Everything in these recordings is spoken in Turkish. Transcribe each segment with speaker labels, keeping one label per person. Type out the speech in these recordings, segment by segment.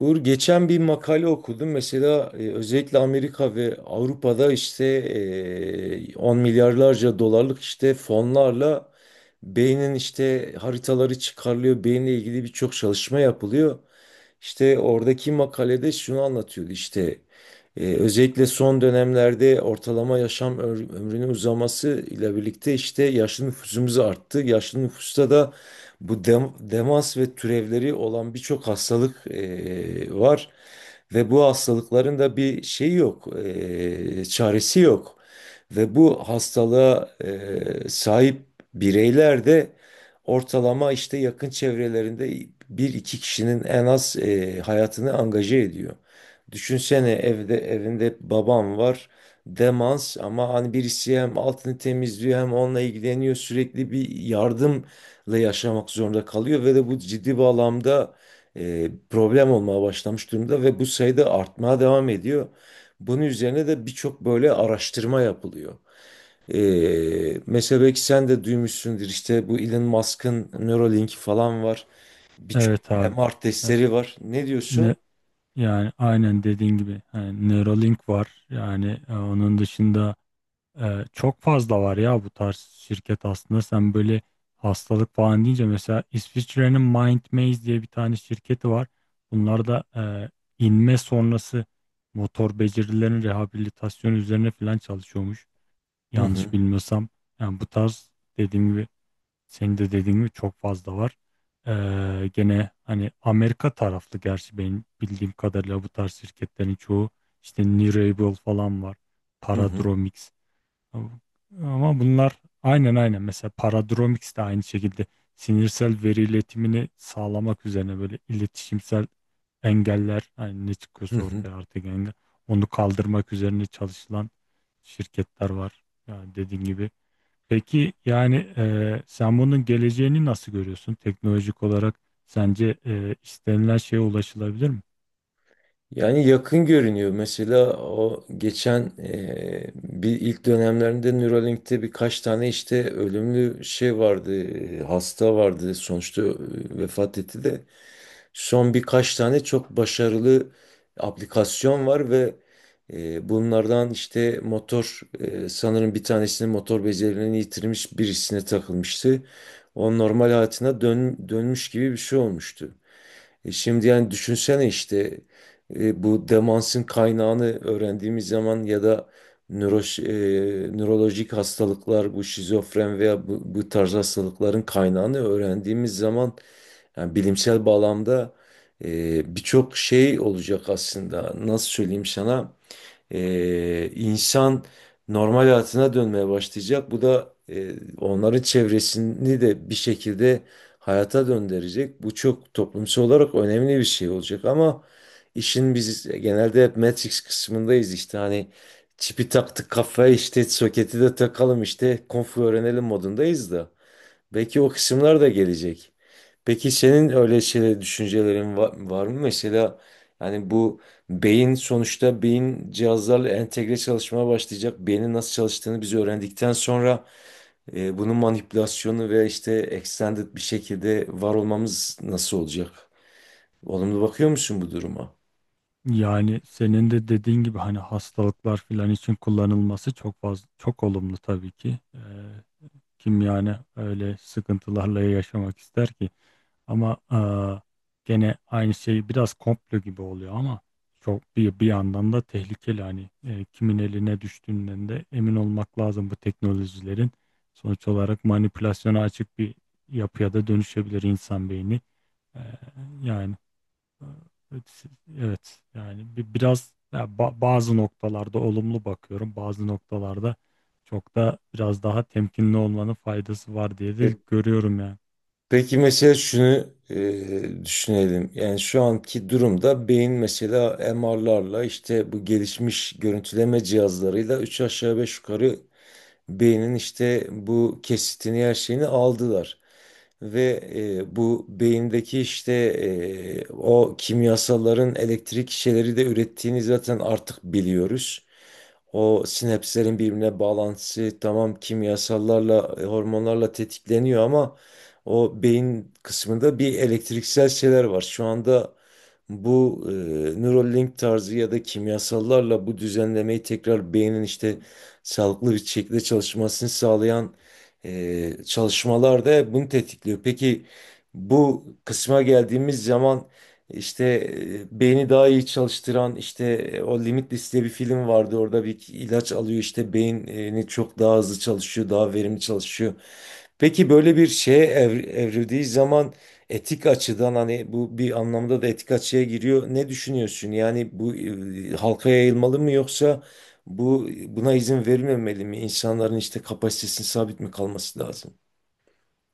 Speaker 1: Uğur geçen bir makale okudum. Mesela özellikle Amerika ve Avrupa'da işte 10 milyarlarca dolarlık işte fonlarla beynin işte haritaları çıkarılıyor. Beyinle ilgili birçok çalışma yapılıyor. İşte oradaki makalede şunu anlatıyordu işte özellikle son dönemlerde ortalama yaşam ömrünün uzaması ile birlikte işte yaşlı nüfusumuz arttı. Yaşlı nüfusta da bu demans ve türevleri olan birçok hastalık var ve bu hastalıkların da bir şeyi yok, çaresi yok ve bu hastalığa sahip bireyler de ortalama işte yakın çevrelerinde bir iki kişinin en az hayatını angaje ediyor. Düşünsene evinde babam var, demans, ama hani birisi hem altını temizliyor hem onunla ilgileniyor, sürekli bir yardımla yaşamak zorunda kalıyor ve de bu ciddi bağlamda problem olmaya başlamış durumda ve bu sayıda artmaya devam ediyor. Bunun üzerine de birçok böyle araştırma yapılıyor. Mesela belki sen de duymuşsundur işte bu Elon Musk'ın Neuralink falan var. Birçok
Speaker 2: Evet abi.
Speaker 1: MR
Speaker 2: E,
Speaker 1: testleri var. Ne diyorsun?
Speaker 2: Ne, Yani aynen dediğin gibi, yani Neuralink var. Yani onun dışında çok fazla var ya bu tarz şirket aslında. Sen böyle hastalık falan deyince mesela İsviçre'nin Mindmaze diye bir tane şirketi var. Bunlar da inme sonrası motor becerilerin rehabilitasyonu üzerine falan çalışıyormuş.
Speaker 1: Hı
Speaker 2: Yanlış
Speaker 1: hı,
Speaker 2: bilmiyorsam. Yani bu tarz, dediğim gibi, senin de dediğin gibi çok fazla var. Gene hani Amerika taraflı, gerçi benim bildiğim kadarıyla bu tarz şirketlerin çoğu işte Nirable falan var.
Speaker 1: hı hı,
Speaker 2: Paradromics. Ama bunlar aynen mesela Paradromics de aynı şekilde sinirsel veri iletimini sağlamak üzerine, böyle iletişimsel engeller, hani ne
Speaker 1: hı
Speaker 2: çıkıyorsa
Speaker 1: hı.
Speaker 2: ortaya artık engel, onu kaldırmak üzerine çalışılan şirketler var. Yani dediğin gibi. Peki yani sen bunun geleceğini nasıl görüyorsun? Teknolojik olarak sence istenilen şeye ulaşılabilir mi?
Speaker 1: Yani yakın görünüyor. Mesela o geçen bir ilk dönemlerinde Neuralink'te birkaç tane işte ölümlü şey vardı, hasta vardı. Sonuçta vefat etti de. Son birkaç tane çok başarılı aplikasyon var ve bunlardan işte motor sanırım bir tanesinin motor becerilerini yitirmiş birisine takılmıştı. O normal hayatına dönmüş gibi bir şey olmuştu. Şimdi yani düşünsene işte bu demansın kaynağını öğrendiğimiz zaman ya da nörolojik hastalıklar bu şizofren veya bu tarz hastalıkların kaynağını öğrendiğimiz zaman yani bilimsel bağlamda birçok şey olacak aslında. Nasıl söyleyeyim sana? İnsan normal hayatına dönmeye başlayacak. Bu da onların çevresini de bir şekilde hayata döndürecek. Bu çok toplumsal olarak önemli bir şey olacak. Ama işin biz genelde hep Matrix kısmındayız işte hani çipi taktık kafaya işte soketi de takalım işte konfu öğrenelim modundayız da. Belki o kısımlar da gelecek. Peki senin öyle şeyler, düşüncelerin var mı? Mesela yani beyin sonuçta beyin cihazlarla entegre çalışmaya başlayacak. Beynin nasıl çalıştığını biz öğrendikten sonra bunun manipülasyonu ve işte extended bir şekilde var olmamız nasıl olacak? Olumlu bakıyor musun bu duruma?
Speaker 2: Yani senin de dediğin gibi hani hastalıklar filan için kullanılması çok fazla, çok olumlu tabii ki. Kim yani öyle sıkıntılarla yaşamak ister ki? Ama gene aynı şey biraz komplo gibi oluyor ama çok, bir bir yandan da tehlikeli. Hani kimin eline düştüğünden de emin olmak lazım bu teknolojilerin. Sonuç olarak manipülasyona açık bir yapıya da dönüşebilir insan beyni. Eee, yani. Evet, evet. Yani biraz ya, bazı noktalarda olumlu bakıyorum, bazı noktalarda çok da biraz daha temkinli olmanın faydası var diye
Speaker 1: E.
Speaker 2: de görüyorum yani.
Speaker 1: Peki mesela şunu düşünelim. Yani şu anki durumda beyin mesela MR'larla işte bu gelişmiş görüntüleme cihazlarıyla üç aşağı beş yukarı beynin işte bu kesitini her şeyini aldılar. Ve bu beyindeki işte o kimyasalların elektrik şeyleri de ürettiğini zaten artık biliyoruz. O sinapslerin birbirine bağlantısı tamam kimyasallarla, hormonlarla tetikleniyor ama o beyin kısmında bir elektriksel şeyler var. Şu anda bu Neuralink tarzı ya da kimyasallarla bu düzenlemeyi tekrar beynin işte sağlıklı bir şekilde çalışmasını sağlayan çalışmalar da bunu tetikliyor. Peki bu kısma geldiğimiz zaman işte beyni daha iyi çalıştıran işte o Limitless diye bir film vardı. Orada bir ilaç alıyor işte beyni çok daha hızlı çalışıyor, daha verimli çalışıyor. Peki böyle bir şeye evrildiği zaman etik açıdan hani bu bir anlamda da etik açıya giriyor. Ne düşünüyorsun? Yani bu halka yayılmalı mı yoksa buna izin verilmemeli mi? İnsanların işte kapasitesinin sabit mi kalması lazım?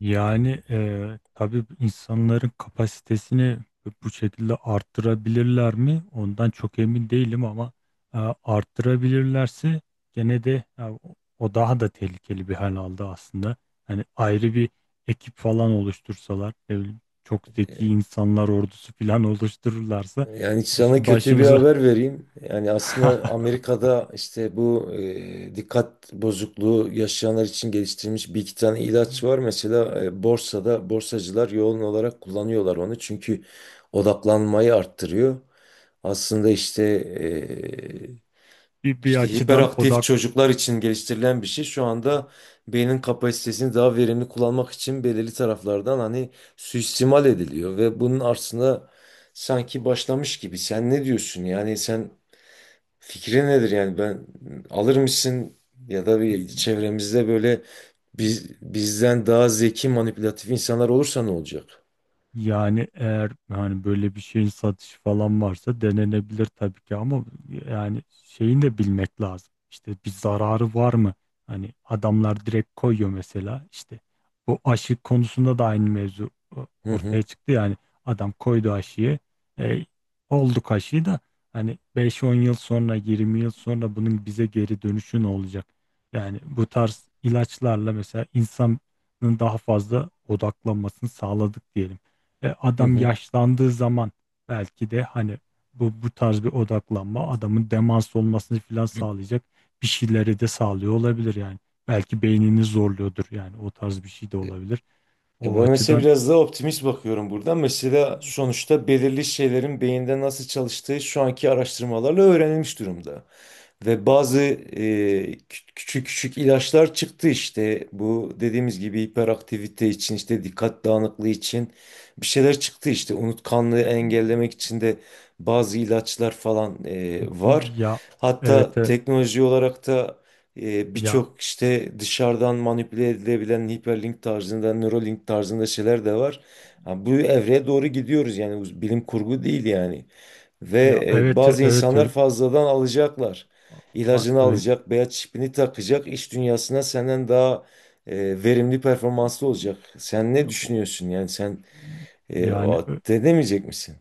Speaker 2: Yani tabii insanların kapasitesini bu şekilde arttırabilirler mi? Ondan çok emin değilim ama e, arttırabilirlerse gene de e, o o daha da tehlikeli bir hal aldı aslında. Hani ayrı bir ekip falan oluştursalar, ne bileyim, çok zeki insanlar ordusu falan oluştururlarsa
Speaker 1: Yani sana kötü bir
Speaker 2: başımıza
Speaker 1: haber vereyim. Yani aslında Amerika'da işte bu dikkat bozukluğu yaşayanlar için geliştirilmiş bir iki tane ilaç var. Mesela borsada borsacılar yoğun olarak kullanıyorlar onu. Çünkü odaklanmayı arttırıyor. Aslında işte
Speaker 2: bir, bir
Speaker 1: işte
Speaker 2: açıdan
Speaker 1: hiperaktif
Speaker 2: odak.
Speaker 1: çocuklar için geliştirilen bir şey. Şu anda beynin kapasitesini daha verimli kullanmak için belirli taraflardan hani suistimal ediliyor ve bunun aslında sanki başlamış gibi. Sen ne diyorsun? Yani sen fikrin nedir? Yani ben alır mısın ya da bir çevremizde böyle bizden daha zeki manipülatif insanlar olursa ne olacak?
Speaker 2: Yani eğer hani böyle bir şeyin satışı falan varsa denenebilir tabii ki ama yani şeyini de bilmek lazım. İşte bir zararı var mı? Hani adamlar direkt koyuyor mesela. İşte bu aşı konusunda da aynı mevzu e,
Speaker 1: Hı hı,
Speaker 2: ortaya çıktı yani. Adam koydu aşıyı, e, olduk aşıyı da, hani beş on yıl sonra, 20 yıl sonra bunun bize geri dönüşü ne olacak? Yani bu tarz ilaçlarla mesela insanın daha fazla odaklanmasını sağladık diyelim.
Speaker 1: hı
Speaker 2: Adam
Speaker 1: hı.
Speaker 2: yaşlandığı zaman belki de hani bu tarz bir odaklanma adamın demans olmasını falan sağlayacak bir şeyleri de sağlıyor olabilir yani. Belki beynini zorluyordur yani, o tarz bir şey de olabilir.
Speaker 1: Ya
Speaker 2: O
Speaker 1: ben mesela
Speaker 2: açıdan
Speaker 1: biraz daha optimist bakıyorum burada. Mesela sonuçta belirli şeylerin beyinde nasıl çalıştığı şu anki araştırmalarla öğrenilmiş durumda. Ve bazı küçük ilaçlar çıktı işte. Bu dediğimiz gibi hiperaktivite için işte dikkat dağınıklığı için bir şeyler çıktı işte. Unutkanlığı engellemek için de bazı ilaçlar falan var.
Speaker 2: ya, evet,
Speaker 1: Hatta teknoloji olarak da
Speaker 2: ya
Speaker 1: birçok işte dışarıdan manipüle edilebilen hiperlink tarzında, Neuralink tarzında şeyler de var. Ha, bu evreye doğru gidiyoruz yani bu bilim kurgu değil yani. Ve
Speaker 2: evet,
Speaker 1: bazı
Speaker 2: evet
Speaker 1: insanlar
Speaker 2: öyle,
Speaker 1: fazladan alacaklar. İlacını
Speaker 2: öyle.
Speaker 1: alacak, beyaz çipini takacak, iş dünyasına senden daha verimli performanslı olacak. Sen ne
Speaker 2: o-
Speaker 1: düşünüyorsun yani sen
Speaker 2: yani ö-
Speaker 1: denemeyecek misin?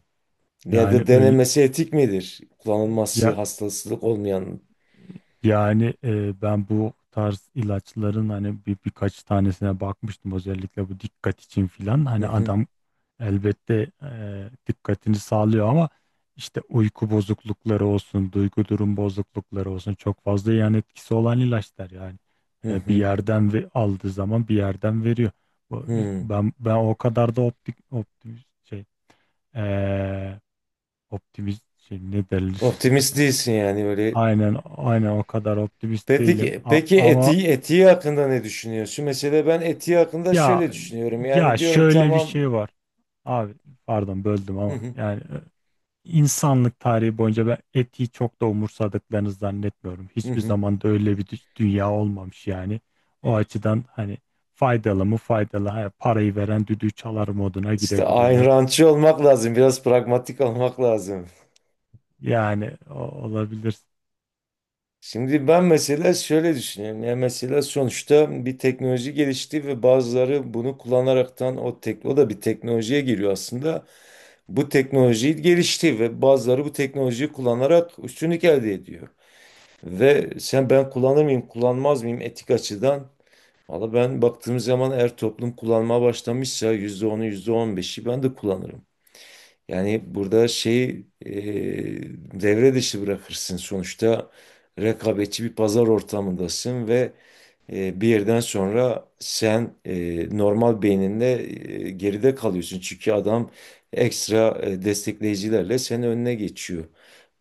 Speaker 1: Ya da
Speaker 2: Öyle
Speaker 1: denemesi etik midir? Kullanılması
Speaker 2: ya.
Speaker 1: hastalık olmayan.
Speaker 2: Yani ben bu tarz ilaçların hani bir birkaç tanesine bakmıştım, özellikle bu dikkat için filan.
Speaker 1: Hı
Speaker 2: Hani
Speaker 1: hı,
Speaker 2: adam elbette dikkatini sağlıyor ama işte uyku bozuklukları olsun, duygu durum bozuklukları olsun çok fazla yan etkisi olan ilaçlar yani.
Speaker 1: hı
Speaker 2: Bir
Speaker 1: hı,
Speaker 2: yerden ve aldığı zaman bir yerden veriyor. Bu-
Speaker 1: hı.
Speaker 2: Ben o kadar da optimist şey, e, optimist şey ne derler.
Speaker 1: Optimist değilsin yani öyle.
Speaker 2: Aynen, aynen, o kadar optimist değilim.
Speaker 1: Peki,
Speaker 2: A- ama
Speaker 1: etiği, etiği hakkında ne düşünüyorsun? Mesela ben etiği hakkında şöyle
Speaker 2: ya,
Speaker 1: düşünüyorum. Yani
Speaker 2: ya
Speaker 1: diyorum
Speaker 2: şöyle bir
Speaker 1: tamam.
Speaker 2: şey var. Abi, pardon böldüm
Speaker 1: Hı
Speaker 2: ama
Speaker 1: hı,
Speaker 2: yani insanlık tarihi boyunca ben etiği çok da umursadıklarını zannetmiyorum.
Speaker 1: hı
Speaker 2: Hiçbir
Speaker 1: hı.
Speaker 2: zaman da öyle bir dünya olmamış yani. O açıdan hani faydalı mı faydalı. Ha, parayı veren düdüğü çalar moduna
Speaker 1: İşte Ayn
Speaker 2: girebilirler.
Speaker 1: Randçı olmak lazım. Biraz pragmatik olmak lazım.
Speaker 2: Yani o- olabilir.
Speaker 1: Şimdi ben mesela şöyle düşünüyorum. Yani mesela sonuçta bir teknoloji gelişti ve bazıları bunu kullanaraktan o tek o da bir teknolojiye giriyor aslında. Bu teknoloji gelişti ve bazıları bu teknolojiyi kullanarak üstünlük elde ediyor. Ve sen ben kullanır mıyım, kullanmaz mıyım etik açıdan? Valla ben baktığım zaman eğer toplum kullanmaya başlamışsa yüzde onu yüzde on beşi ben de kullanırım. Yani burada şey devre dışı bırakırsın. Sonuçta rekabetçi bir pazar ortamındasın ve bir yerden sonra sen normal beyninde geride kalıyorsun. Çünkü adam ekstra destekleyicilerle senin önüne geçiyor.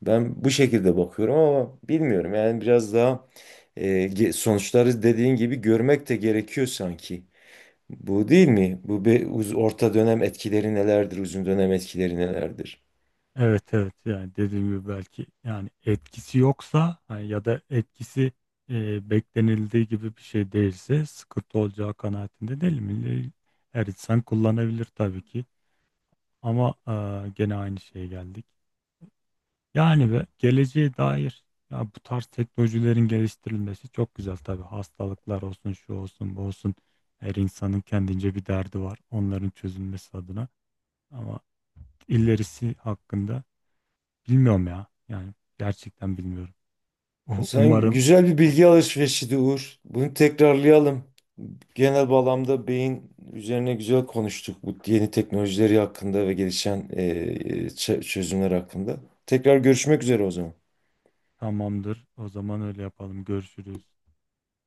Speaker 1: Ben bu şekilde bakıyorum ama bilmiyorum. Yani biraz daha sonuçları dediğin gibi görmek de gerekiyor sanki. Bu değil mi? Bu bir orta dönem etkileri nelerdir, uzun dönem etkileri nelerdir?
Speaker 2: Evet, evet, yani dediğim gibi belki yani etkisi yoksa, hani ya da etkisi beklenildiği gibi bir şey değilse sıkıntı olacağı kanaatinde değil mi? Her insan kullanabilir tabii ki ama gene aynı şeye geldik. Yani ve geleceğe dair, ya bu tarz teknolojilerin geliştirilmesi çok güzel tabii, hastalıklar olsun, şu olsun, bu olsun, her insanın kendince bir derdi var, onların çözülmesi adına. Ama ilerisi hakkında, bilmiyorum ya. Yani gerçekten bilmiyorum.
Speaker 1: Sen
Speaker 2: Umarım.
Speaker 1: güzel bir bilgi alışverişiydi Uğur. Bunu tekrarlayalım. Genel bağlamda beyin üzerine güzel konuştuk bu yeni teknolojileri hakkında ve gelişen çözümler hakkında. Tekrar görüşmek üzere o zaman.
Speaker 2: Tamamdır. O zaman öyle yapalım. Görüşürüz.